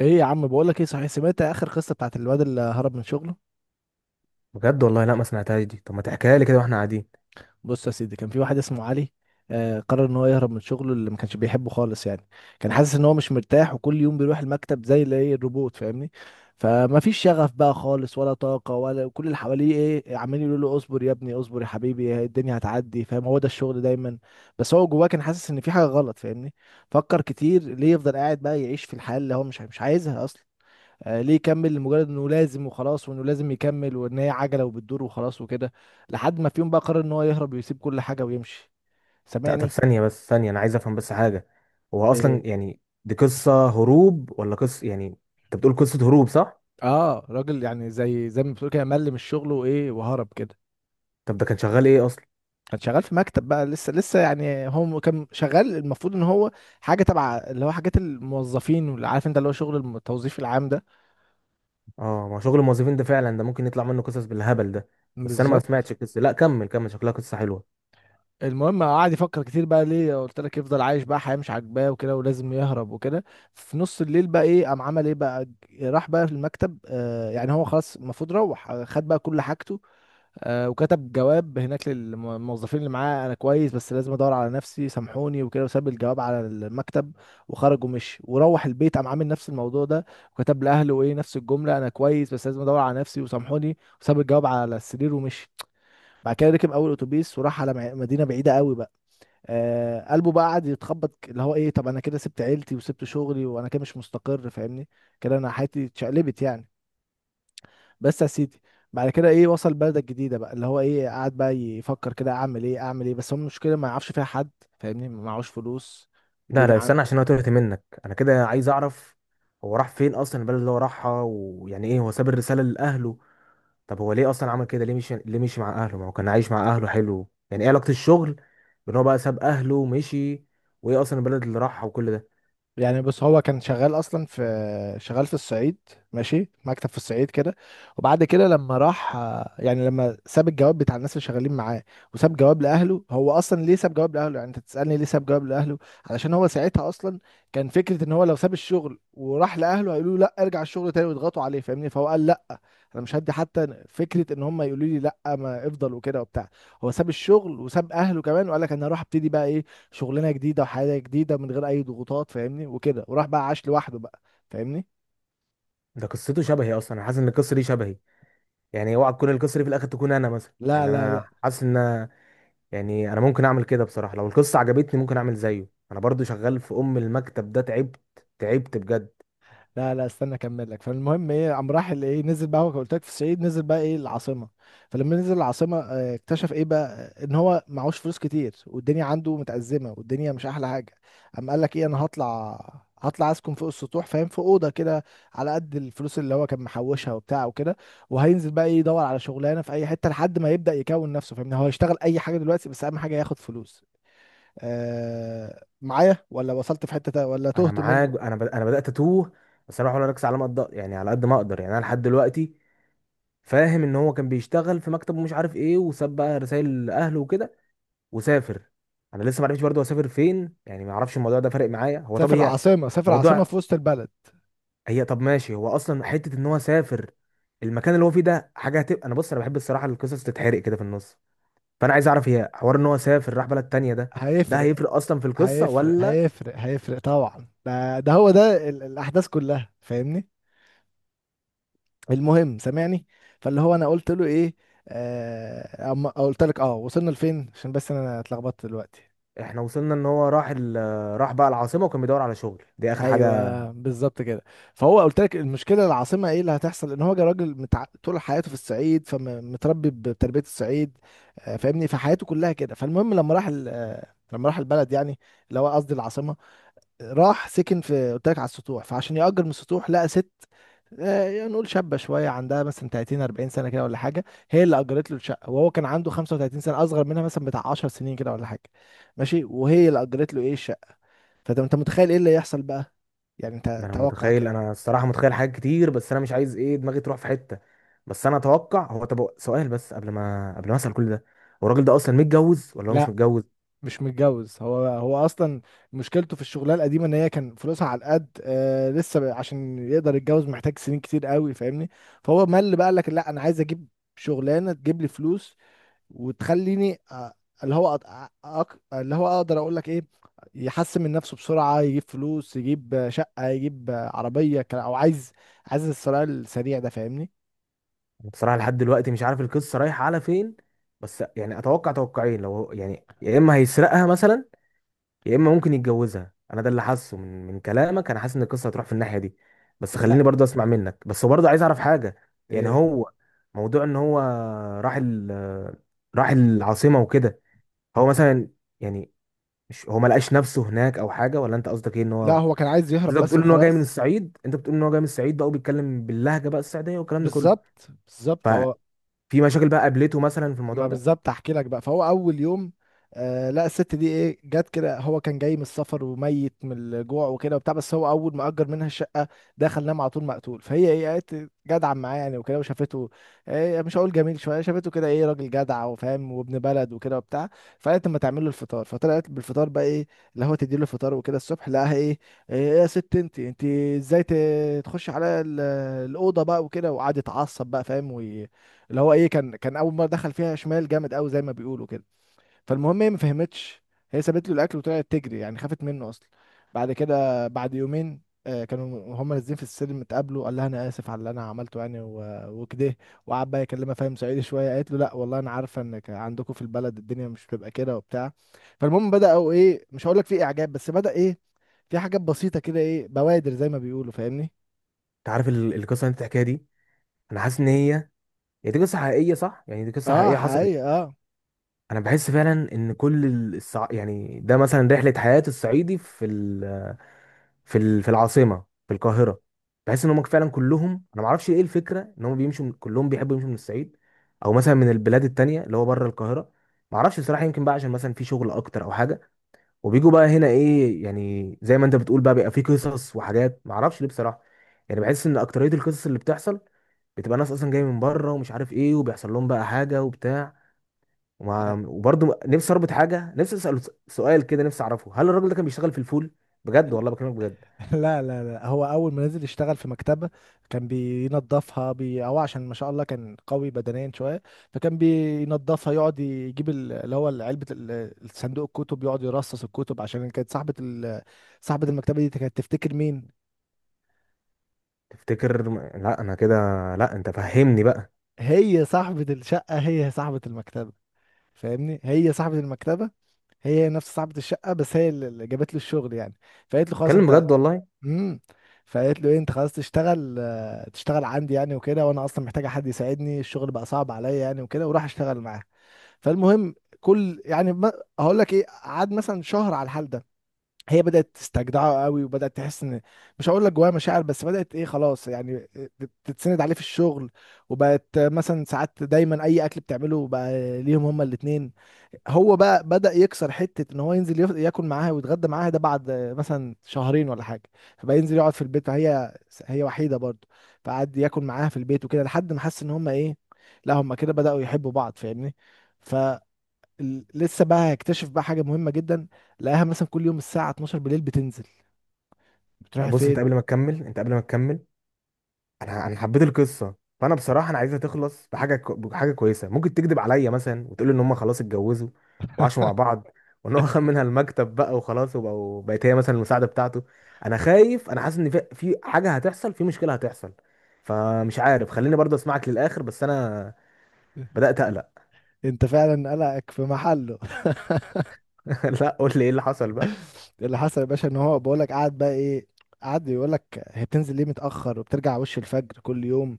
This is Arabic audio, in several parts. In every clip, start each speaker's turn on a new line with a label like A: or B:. A: ايه يا عم، بقول لك ايه، صحيح سمعت اخر قصه بتاعت الواد اللي هرب من شغله؟
B: بجد والله، لا ما سمعتهاش دي. طب ما تحكيها لي كده واحنا قاعدين.
A: بص يا سيدي، كان في واحد اسمه علي. قرر ان هو يهرب من شغله اللي ما كانش بيحبه خالص يعني. كان حاسس ان هو مش مرتاح، وكل يوم بيروح المكتب زي اللي ايه، الروبوت، فاهمني؟ فما فيش شغف بقى خالص ولا طاقه، ولا كل اللي حواليه ايه عمالين يقولوا له اصبر يا ابني، اصبر يا حبيبي، الدنيا هتعدي، فاهم، هو ده الشغل دايما. بس هو جواه كان حاسس ان في حاجه غلط، فاهمني؟ فكر كتير ليه يفضل قاعد بقى يعيش في الحياه اللي هو مش عايزها اصلا. ليه يكمل لمجرد انه لازم وخلاص، وانه لازم يكمل، وان هي عجله وبتدور وخلاص وكده. لحد ما في يوم بقى قرر ان هو يهرب ويسيب كل حاجه ويمشي.
B: لا طب
A: سامعني؟
B: ثانية، بس ثانية، انا عايز افهم بس حاجة. هو اصلا
A: إيه.
B: يعني دي قصة هروب ولا قصة يعني؟ انت بتقول قصة هروب صح؟
A: اه راجل يعني زي ما بتقول كده، مل من الشغل وايه وهرب كده.
B: طب ده كان شغال ايه اصلا؟
A: كان شغال في مكتب بقى، لسه يعني، هو كان شغال، المفروض ان هو حاجه تبع اللي هو حاجات الموظفين، واللي عارف انت، اللي هو شغل التوظيف العام ده.
B: اه، ما شغل الموظفين ده فعلا ده ممكن يطلع منه قصص بالهبل ده. بس انا ما
A: بالظبط.
B: سمعتش القصة. لا كمل كمل، شكلها قصة حلوة.
A: المهم قعد يفكر كتير بقى، ليه قلت لك يفضل عايش بقى حياة مش عاجباه وكده، ولازم يهرب وكده. في نص الليل بقى ايه قام عمل ايه بقى، راح بقى المكتب، آه يعني هو خلاص المفروض روح، خد بقى كل حاجته. آه وكتب جواب هناك للموظفين اللي معاه: انا كويس بس لازم ادور على نفسي، سامحوني وكده، وساب الجواب على المكتب. وخرج ومشي وروح البيت، قام عامل نفس الموضوع ده وكتب لاهله ايه نفس الجملة: انا كويس بس لازم ادور على نفسي وسامحوني. وساب الجواب على السرير ومشي. بعد كده ركب اول اتوبيس وراح على مدينة بعيدة قوي بقى. آه قلبه بقى قعد يتخبط، اللي هو ايه، طب انا كده سبت عيلتي وسبت شغلي، وانا كده مش مستقر، فاهمني؟ كده انا حياتي اتشقلبت يعني. بس يا سيدي، بعد كده ايه وصل بلدة جديدة بقى، اللي هو ايه قعد بقى يفكر كده، اعمل ايه اعمل ايه، بس هو المشكلة ما يعرفش فيها حد، فاهمني؟ ما معهوش فلوس.
B: لا لا
A: الدنيا.
B: استنى، عشان انا تهت منك. انا كده عايز اعرف، هو راح فين اصلا؟ البلد اللي هو راحها ويعني ايه هو ساب الرسالة لاهله؟ طب هو ليه اصلا عمل كده؟ ليه مشي مع اهله؟ ما هو كان عايش مع اهله حلو، يعني ايه علاقة الشغل بان هو بقى ساب اهله ومشي؟ وايه اصلا البلد اللي راحها وكل ده؟
A: يعني بص هو كان شغال اصلا في، شغال في الصعيد، ماشي، مكتب في الصعيد كده. وبعد كده لما راح، يعني لما ساب الجواب بتاع الناس اللي شغالين معاه، وساب جواب لاهله، هو اصلا ليه ساب جواب لاهله؟ يعني انت تسالني ليه ساب جواب لاهله؟ علشان هو ساعتها اصلا كان فكره ان هو لو ساب الشغل وراح لاهله هيقولوا له لا ارجع الشغل تاني، ويضغطوا عليه، فاهمني؟ فهو قال لا، انا مش هدي حتى فكره ان هم يقولوا لي لا ما افضل وكده وبتاع. هو ساب الشغل وساب اهله كمان، وقال لك انا هروح ابتدي بقى ايه، شغلانه جديده وحياه جديده من غير اي ضغوطات، فاهمني؟ وكده، وراح بقى عاش لوحده بقى، فاهمني؟
B: ده قصته شبهي اصلا، انا حاسس ان القصه دي شبهي. يعني اوعى تكون القصه دي في الاخر تكون انا مثلا،
A: لا
B: يعني
A: لا
B: انا
A: لا
B: حاسس ان، يعني انا ممكن اعمل كده بصراحه. لو القصه عجبتني ممكن اعمل زيه. انا برضو شغال في المكتب ده. تعبت، تعبت بجد.
A: لا لا، استنى اكمل لك. فالمهم ايه قام راح ايه نزل بقى، هو قلت لك في الصعيد، نزل بقى ايه العاصمه. فلما نزل العاصمه، اكتشف ايه بقى. ان هو معهوش فلوس كتير، والدنيا عنده متأزمه، والدنيا مش احلى حاجه. قام قال لك ايه، انا هطلع، هطلع اسكن فوق السطوح، فاهم، في اوضه كده، على قد الفلوس اللي هو كان محوشها وبتاع وكده. وهينزل بقى ايه يدور على شغلانه في اي حته لحد ما يبدأ يكون نفسه، فاهمني؟ هو يشتغل اي حاجه دلوقتي، بس اهم حاجه ياخد فلوس. آه معايا ولا وصلت في ولا
B: انا
A: تهت
B: معاك،
A: مني؟
B: انا انا بدات اتوه. بس انا بحاول اركز على ما اقدر، يعني على قد ما اقدر. يعني انا لحد دلوقتي فاهم ان هو كان بيشتغل في مكتب ومش عارف ايه، وساب بقى رسائل لاهله وكده وسافر. انا لسه ما عرفتش برضه اسافر فين، يعني ما اعرفش الموضوع ده فارق معايا. هو طب
A: سافر
B: هي
A: العاصمة، سافر العاصمة
B: موضوع،
A: في وسط البلد.
B: هي طب ماشي، هو اصلا حته ان هو سافر المكان اللي هو فيه ده حاجه هتبقى؟ انا بص انا بحب الصراحه، القصص تتحرق كده في النص. فانا عايز اعرف، هي حوار ان هو سافر راح بلد تانية ده، ده
A: هيفرق،
B: هيفرق اصلا في القصه
A: هيفرق
B: ولا؟
A: هيفرق هيفرق طبعا، ده هو ده الأحداث كلها، فاهمني؟ المهم، سامعني. فاللي هو أنا قلت له إيه، آه أما قلت لك أه وصلنا لفين، عشان بس أنا اتلخبطت دلوقتي.
B: احنا وصلنا ان هو راح ال... راح بقى العاصمه وكان بيدور على شغل، دي اخر حاجه.
A: ايوه بالظبط كده. فهو قلت لك المشكله العاصمه، ايه اللي هتحصل، ان هو جا راجل متع... طول حياته في الصعيد، فمتربي بتربيه الصعيد، فاهمني؟ فحياته كلها كده. فالمهم لما راح ال... لما راح البلد يعني، اللي هو قصدي العاصمه، راح سكن في قلت لك على السطوح. فعشان يأجر من السطوح لقى ست، يعني نقول شابة شوية، عندها مثلا 30 40 سنة كده ولا حاجة. هي اللي أجرت له الشقة، وهو كان عنده 35 سنة، أصغر منها مثلا بتاع 10 سنين كده ولا حاجة. ماشي، وهي اللي أجرت له إيه الشقة. فأنت متخيل إيه اللي يحصل بقى؟ يعني
B: ده
A: أنت
B: انا
A: توقع
B: متخيل،
A: كده.
B: انا الصراحه متخيل حاجات كتير، بس انا مش عايز ايه دماغي تروح في حته. بس انا اتوقع هو، طب سؤال بس قبل ما اسال كل ده، هو الراجل ده اصلا متجوز ولا هو مش
A: لا،
B: متجوز؟
A: مش متجوز، هو اصلا مشكلته في الشغلانه القديمه ان هي كان فلوسها على القد، آه عشان يقدر يتجوز محتاج سنين كتير قوي، فاهمني؟ فهو مل بقى، قال لك لا انا عايز اجيب شغلانه تجيب لي فلوس، وتخليني اللي هو اللي هو اقدر اقول لك ايه، يحسن من نفسه بسرعة، يجيب فلوس يجيب شقة يجيب عربية، او عايز، عايز الثراء السريع ده، فاهمني؟
B: انا بصراحه لحد دلوقتي مش عارف القصه رايحه على فين، بس يعني اتوقع توقعين. لو يعني يا اما هيسرقها مثلا، يا اما ممكن يتجوزها. انا ده اللي حاسه من كلامك، انا حاسس ان القصه هتروح في الناحيه دي، بس خليني
A: لا.
B: برضه اسمع منك. بس برضه عايز اعرف حاجه، يعني
A: إيه.
B: هو موضوع ان هو راح ال راح العاصمه وكده، هو مثلا يعني مش هو ما لقاش نفسه هناك او حاجه؟ ولا انت قصدك ايه ان
A: لا
B: هو؟
A: هو كان عايز يهرب
B: انت
A: بس
B: بتقول ان هو جاي من
A: وخلاص.
B: الصعيد، انت بتقول ان هو جاي من الصعيد بقى وبيتكلم باللهجه بقى الصعيديه والكلام ده كله،
A: بالظبط بالظبط، هو
B: ففي مشاكل بقى قابلته مثلا في الموضوع
A: ما
B: ده؟
A: بالظبط احكي لك بقى. فهو اول يوم، آه لا الست دي ايه جت كده، هو كان جاي من السفر وميت من الجوع وكده وبتاع، بس هو اول ما اجر منها الشقه دخل نام على طول مقتول. فهي ايه قالت جدعه معاه يعني وكده، وشافته إيه مش هقول جميل شويه، شافته كده ايه راجل جدع وفاهم وابن بلد وكده وبتاع. فقالت اما تعمل له الفطار، فطلعت بالفطار بقى ايه، اللي هو تدي له الفطار وكده الصبح، لقاها ايه ايه يا ست، انت ازاي تخش على الاوضه بقى وكده. وقعد يتعصب بقى، فاهم، اللي هو ايه كان اول مره دخل فيها شمال جامد قوي زي ما بيقولوا كده. فالمهم هي ما فهمتش، هي سابت له الاكل وطلعت تجري يعني، خافت منه اصلا. بعد كده بعد يومين، كانوا هم نازلين في السلم اتقابلوا، قال لها انا اسف على اللي انا عملته يعني وكده. وقعد بقى يكلمها فاهم صعيدي شويه، قالت له لا والله انا عارفه انك عندكم في البلد الدنيا مش بتبقى كده وبتاع. فالمهم بداوا ايه، مش هقول لك في اعجاب، بس بدا ايه في حاجات بسيطه كده، ايه بوادر زي ما بيقولوا، فاهمني؟
B: انت عارف القصه اللي انت بتحكيها دي، انا حاسس ان هي، هي دي قصه حقيقيه صح؟ يعني دي قصه
A: اه
B: حقيقيه حصلت؟
A: حقيقي.
B: انا بحس فعلا ان كل يعني ده مثلا رحله حياه الصعيدي في في العاصمه، في القاهره. بحس ان هم فعلا كلهم، انا ما اعرفش ايه الفكره ان هم بيمشوا من... كلهم بيحبوا يمشوا من الصعيد، او مثلا من البلاد التانية اللي هو بره القاهره. ما اعرفش بصراحه، يمكن بقى عشان مثلا في شغل اكتر او حاجه، وبيجوا بقى هنا ايه يعني زي ما انت بتقول بقى، بيبقى في قصص وحاجات. ما اعرفش ليه بصراحه، يعني بحس ان اكتريه القصص اللي بتحصل بتبقى ناس اصلا جايه من بره ومش عارف ايه، وبيحصل لهم بقى حاجه وبتاع.
A: اه.
B: وبرضه نفسي اربط حاجه، نفسي اساله سؤال كده، نفسي اعرفه هل الراجل ده كان بيشتغل في الفول؟ بجد والله، بكلمك بجد.
A: لا لا لا، هو اول ما نزل يشتغل في مكتبه، كان بينظفها بي او، عشان ما شاء الله كان قوي بدنيا شويه. فكان بينظفها، يقعد يجيب اللي هو علبه الصندوق الكتب، يقعد يرصص الكتب، عشان كانت صاحبه ال... صاحبه المكتبه دي كانت تفتكر مين.
B: لا انا كده، لا انت فهمني بقى.
A: هي صاحبه الشقه هي صاحبه المكتبه، فاهمني؟ هي صاحبه المكتبه، هي نفس صاحبه الشقه، بس هي اللي جابت له الشغل يعني. فقالت له خلاص
B: اتكلم
A: انت.
B: بجد والله.
A: امم فقالت له ايه انت خلاص تشتغل، تشتغل عندي يعني وكده، وانا اصلا محتاجه حد يساعدني الشغل بقى صعب عليا يعني وكده، وراح اشتغل معاه. فالمهم، كل يعني هقول لك ايه، قعد مثلا شهر على الحال ده، هي بدأت تستجدعه قوي، وبدأت تحس ان، مش هقول لك جواها مشاعر، بس بدأت ايه خلاص يعني تتسند عليه في الشغل. وبقت مثلا ساعات دايما اي اكل بتعمله بقى ليهم هما الاتنين. هو بقى بدأ يكسر حتة ان هو ينزل ياكل معاها ويتغدى معاها، ده بعد مثلا شهرين ولا حاجة. فبقى ينزل يقعد في البيت، فهي هي وحيدة برضه. فقعد ياكل معاها في البيت وكده، لحد ما حس ان هما ايه، لا هما كده بدأوا يحبوا بعض، فاهمني؟ ف لسه بقى هيكتشف بقى حاجة مهمة جدا. لقاها مثلا كل يوم الساعة 12 بالليل بتنزل،
B: لا
A: بتروح
B: بص، انت
A: فين؟
B: قبل ما تكمل، انت قبل ما تكمل، انا انا حبيت القصه. فانا بصراحه انا عايزها تخلص بحاجه كويسه. ممكن تكذب عليا مثلا وتقول ان هم خلاص اتجوزوا وعاشوا مع بعض، وان هو خد منها المكتب بقى وخلاص، وبقوا بقت هي مثلا المساعده بتاعته. انا خايف، انا حاسس ان في في حاجه هتحصل، في مشكله هتحصل. فمش عارف، خليني برضه اسمعك للاخر، بس انا بدات اقلق.
A: انت فعلا قلقك في محله.
B: لا قول لي ايه اللي حصل بقى.
A: اللي حصل يا باشا ان هو بقول لك قعد بقى ايه، قعد يقول لك هي بتنزل ليه متأخر وبترجع وش الفجر كل يوم،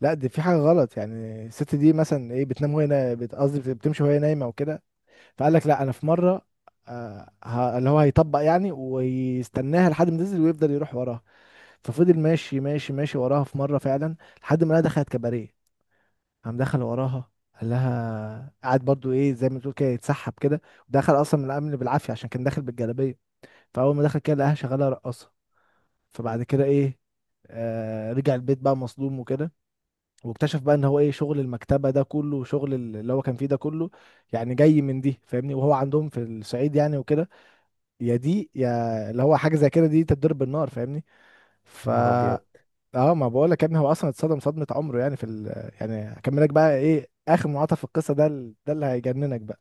A: لا دي في حاجة غلط يعني، الست دي مثلا ايه بتنام وهي قصدي بتمشي وهي نايمة وكده. فقال لك لا انا في مرة، اللي هو هيطبق يعني ويستناها لحد ما تنزل ويفضل يروح وراها. ففضل ماشي ماشي ماشي وراها في مره، فعلا لحد ما لقاها دخلت كباريه، قام دخل وراها، قال لها قعد برضو ايه زي ما تقول كده يتسحب كده، دخل اصلا من الامن بالعافيه عشان كان داخل بالجلابيه. فاول ما دخل كده لقاها شغاله رقاصه. فبعد كده ايه، رجع البيت بقى مصدوم وكده، واكتشف بقى ان هو ايه شغل المكتبه ده كله، وشغل اللي هو كان فيه ده كله، يعني جاي من دي، فاهمني؟ وهو عندهم في الصعيد يعني وكده، يا دي يا اللي هو، حاجه زي كده دي تتضرب بالنار، فاهمني؟ ف،
B: يا نهار ابيض،
A: اه ما بقول لك يا ابني هو اصلا اتصدم صدمه عمره يعني في ال... يعني هكملك بقى ايه اخر منعطف في القصه ده، ده اللي هيجننك بقى.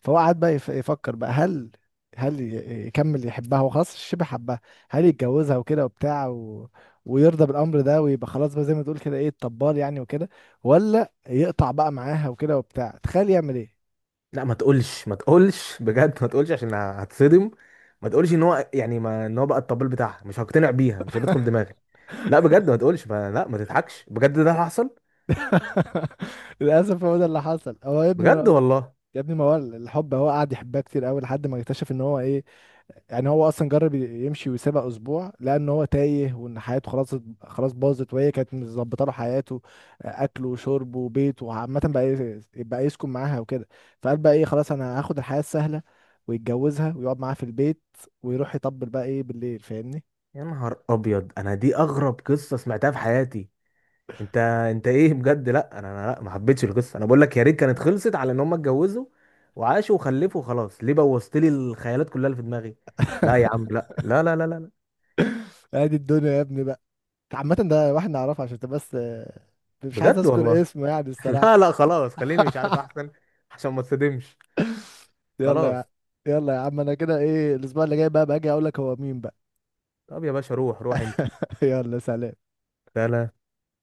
A: فهو قعد بقى يفكر بقى، هل، هل يكمل يحبها، هو خلاص شبه حبها، هل يتجوزها وكده وبتاع و... ويرضى بالامر ده، ويبقى خلاص بقى زي ما تقول كده ايه الطبال يعني وكده، ولا يقطع بقى معاها وكده وبتاع؟ تخيل يعمل ايه.
B: لا ما تقولش، ما تقولش. بجد ما تقولش عشان هتصدم. ما تقولش ان هو يعني، ما ان هو بقى الطبيب بتاعها، مش هقتنع بيها، مش هتدخل دماغي. لا بجد ما تقولش، ما تضحكش بجد، ده اللي حصل؟
A: للاسف هو ده اللي حصل. هو يا ابني وانا
B: بجد
A: اقول لك
B: والله؟
A: يا ابني، ما هو الحب، هو قعد يحبها كتير قوي لحد ما اكتشف ان هو ايه. يعني هو اصلا جرب يمشي ويسيبها اسبوع، لان هو تايه، وان حياته خلاص، خلاص باظت، وهي كانت مظبطه له حياته، اكله وشربه وبيته، وعامه بقى بقى يسكن معاها وكده. فقال بقى ايه خلاص انا هاخد الحياه السهله، ويتجوزها ويقعد معاها في البيت، ويروح يطبل بقى ايه بالليل، فاهمني؟
B: يا نهار ابيض، انا دي اغرب قصه سمعتها في حياتي. انت، انت ايه بجد؟ لا انا لا ما حبيتش القصه، انا بقول لك يا ريت كانت خلصت على ان هم اتجوزوا وعاشوا وخلفوا وخلاص. ليه بوظت لي الخيالات كلها اللي في دماغي؟ لا يا عم، لا.
A: ادي الدنيا يا ابني بقى. عامه ده واحد نعرفه، عشان تبقى بس، مش عايز
B: بجد
A: اذكر
B: والله.
A: اسمه يعني
B: لا
A: الصراحه.
B: لا خلاص، خليني مش عارف احسن عشان ما تصدمش.
A: يلا يا،
B: خلاص.
A: يلا يا عم انا كده ايه، الاسبوع اللي جاي بقى باجي اقول لك هو مين بقى.
B: طب يا باشا روح روح انت.
A: يلا سلام.
B: لا لا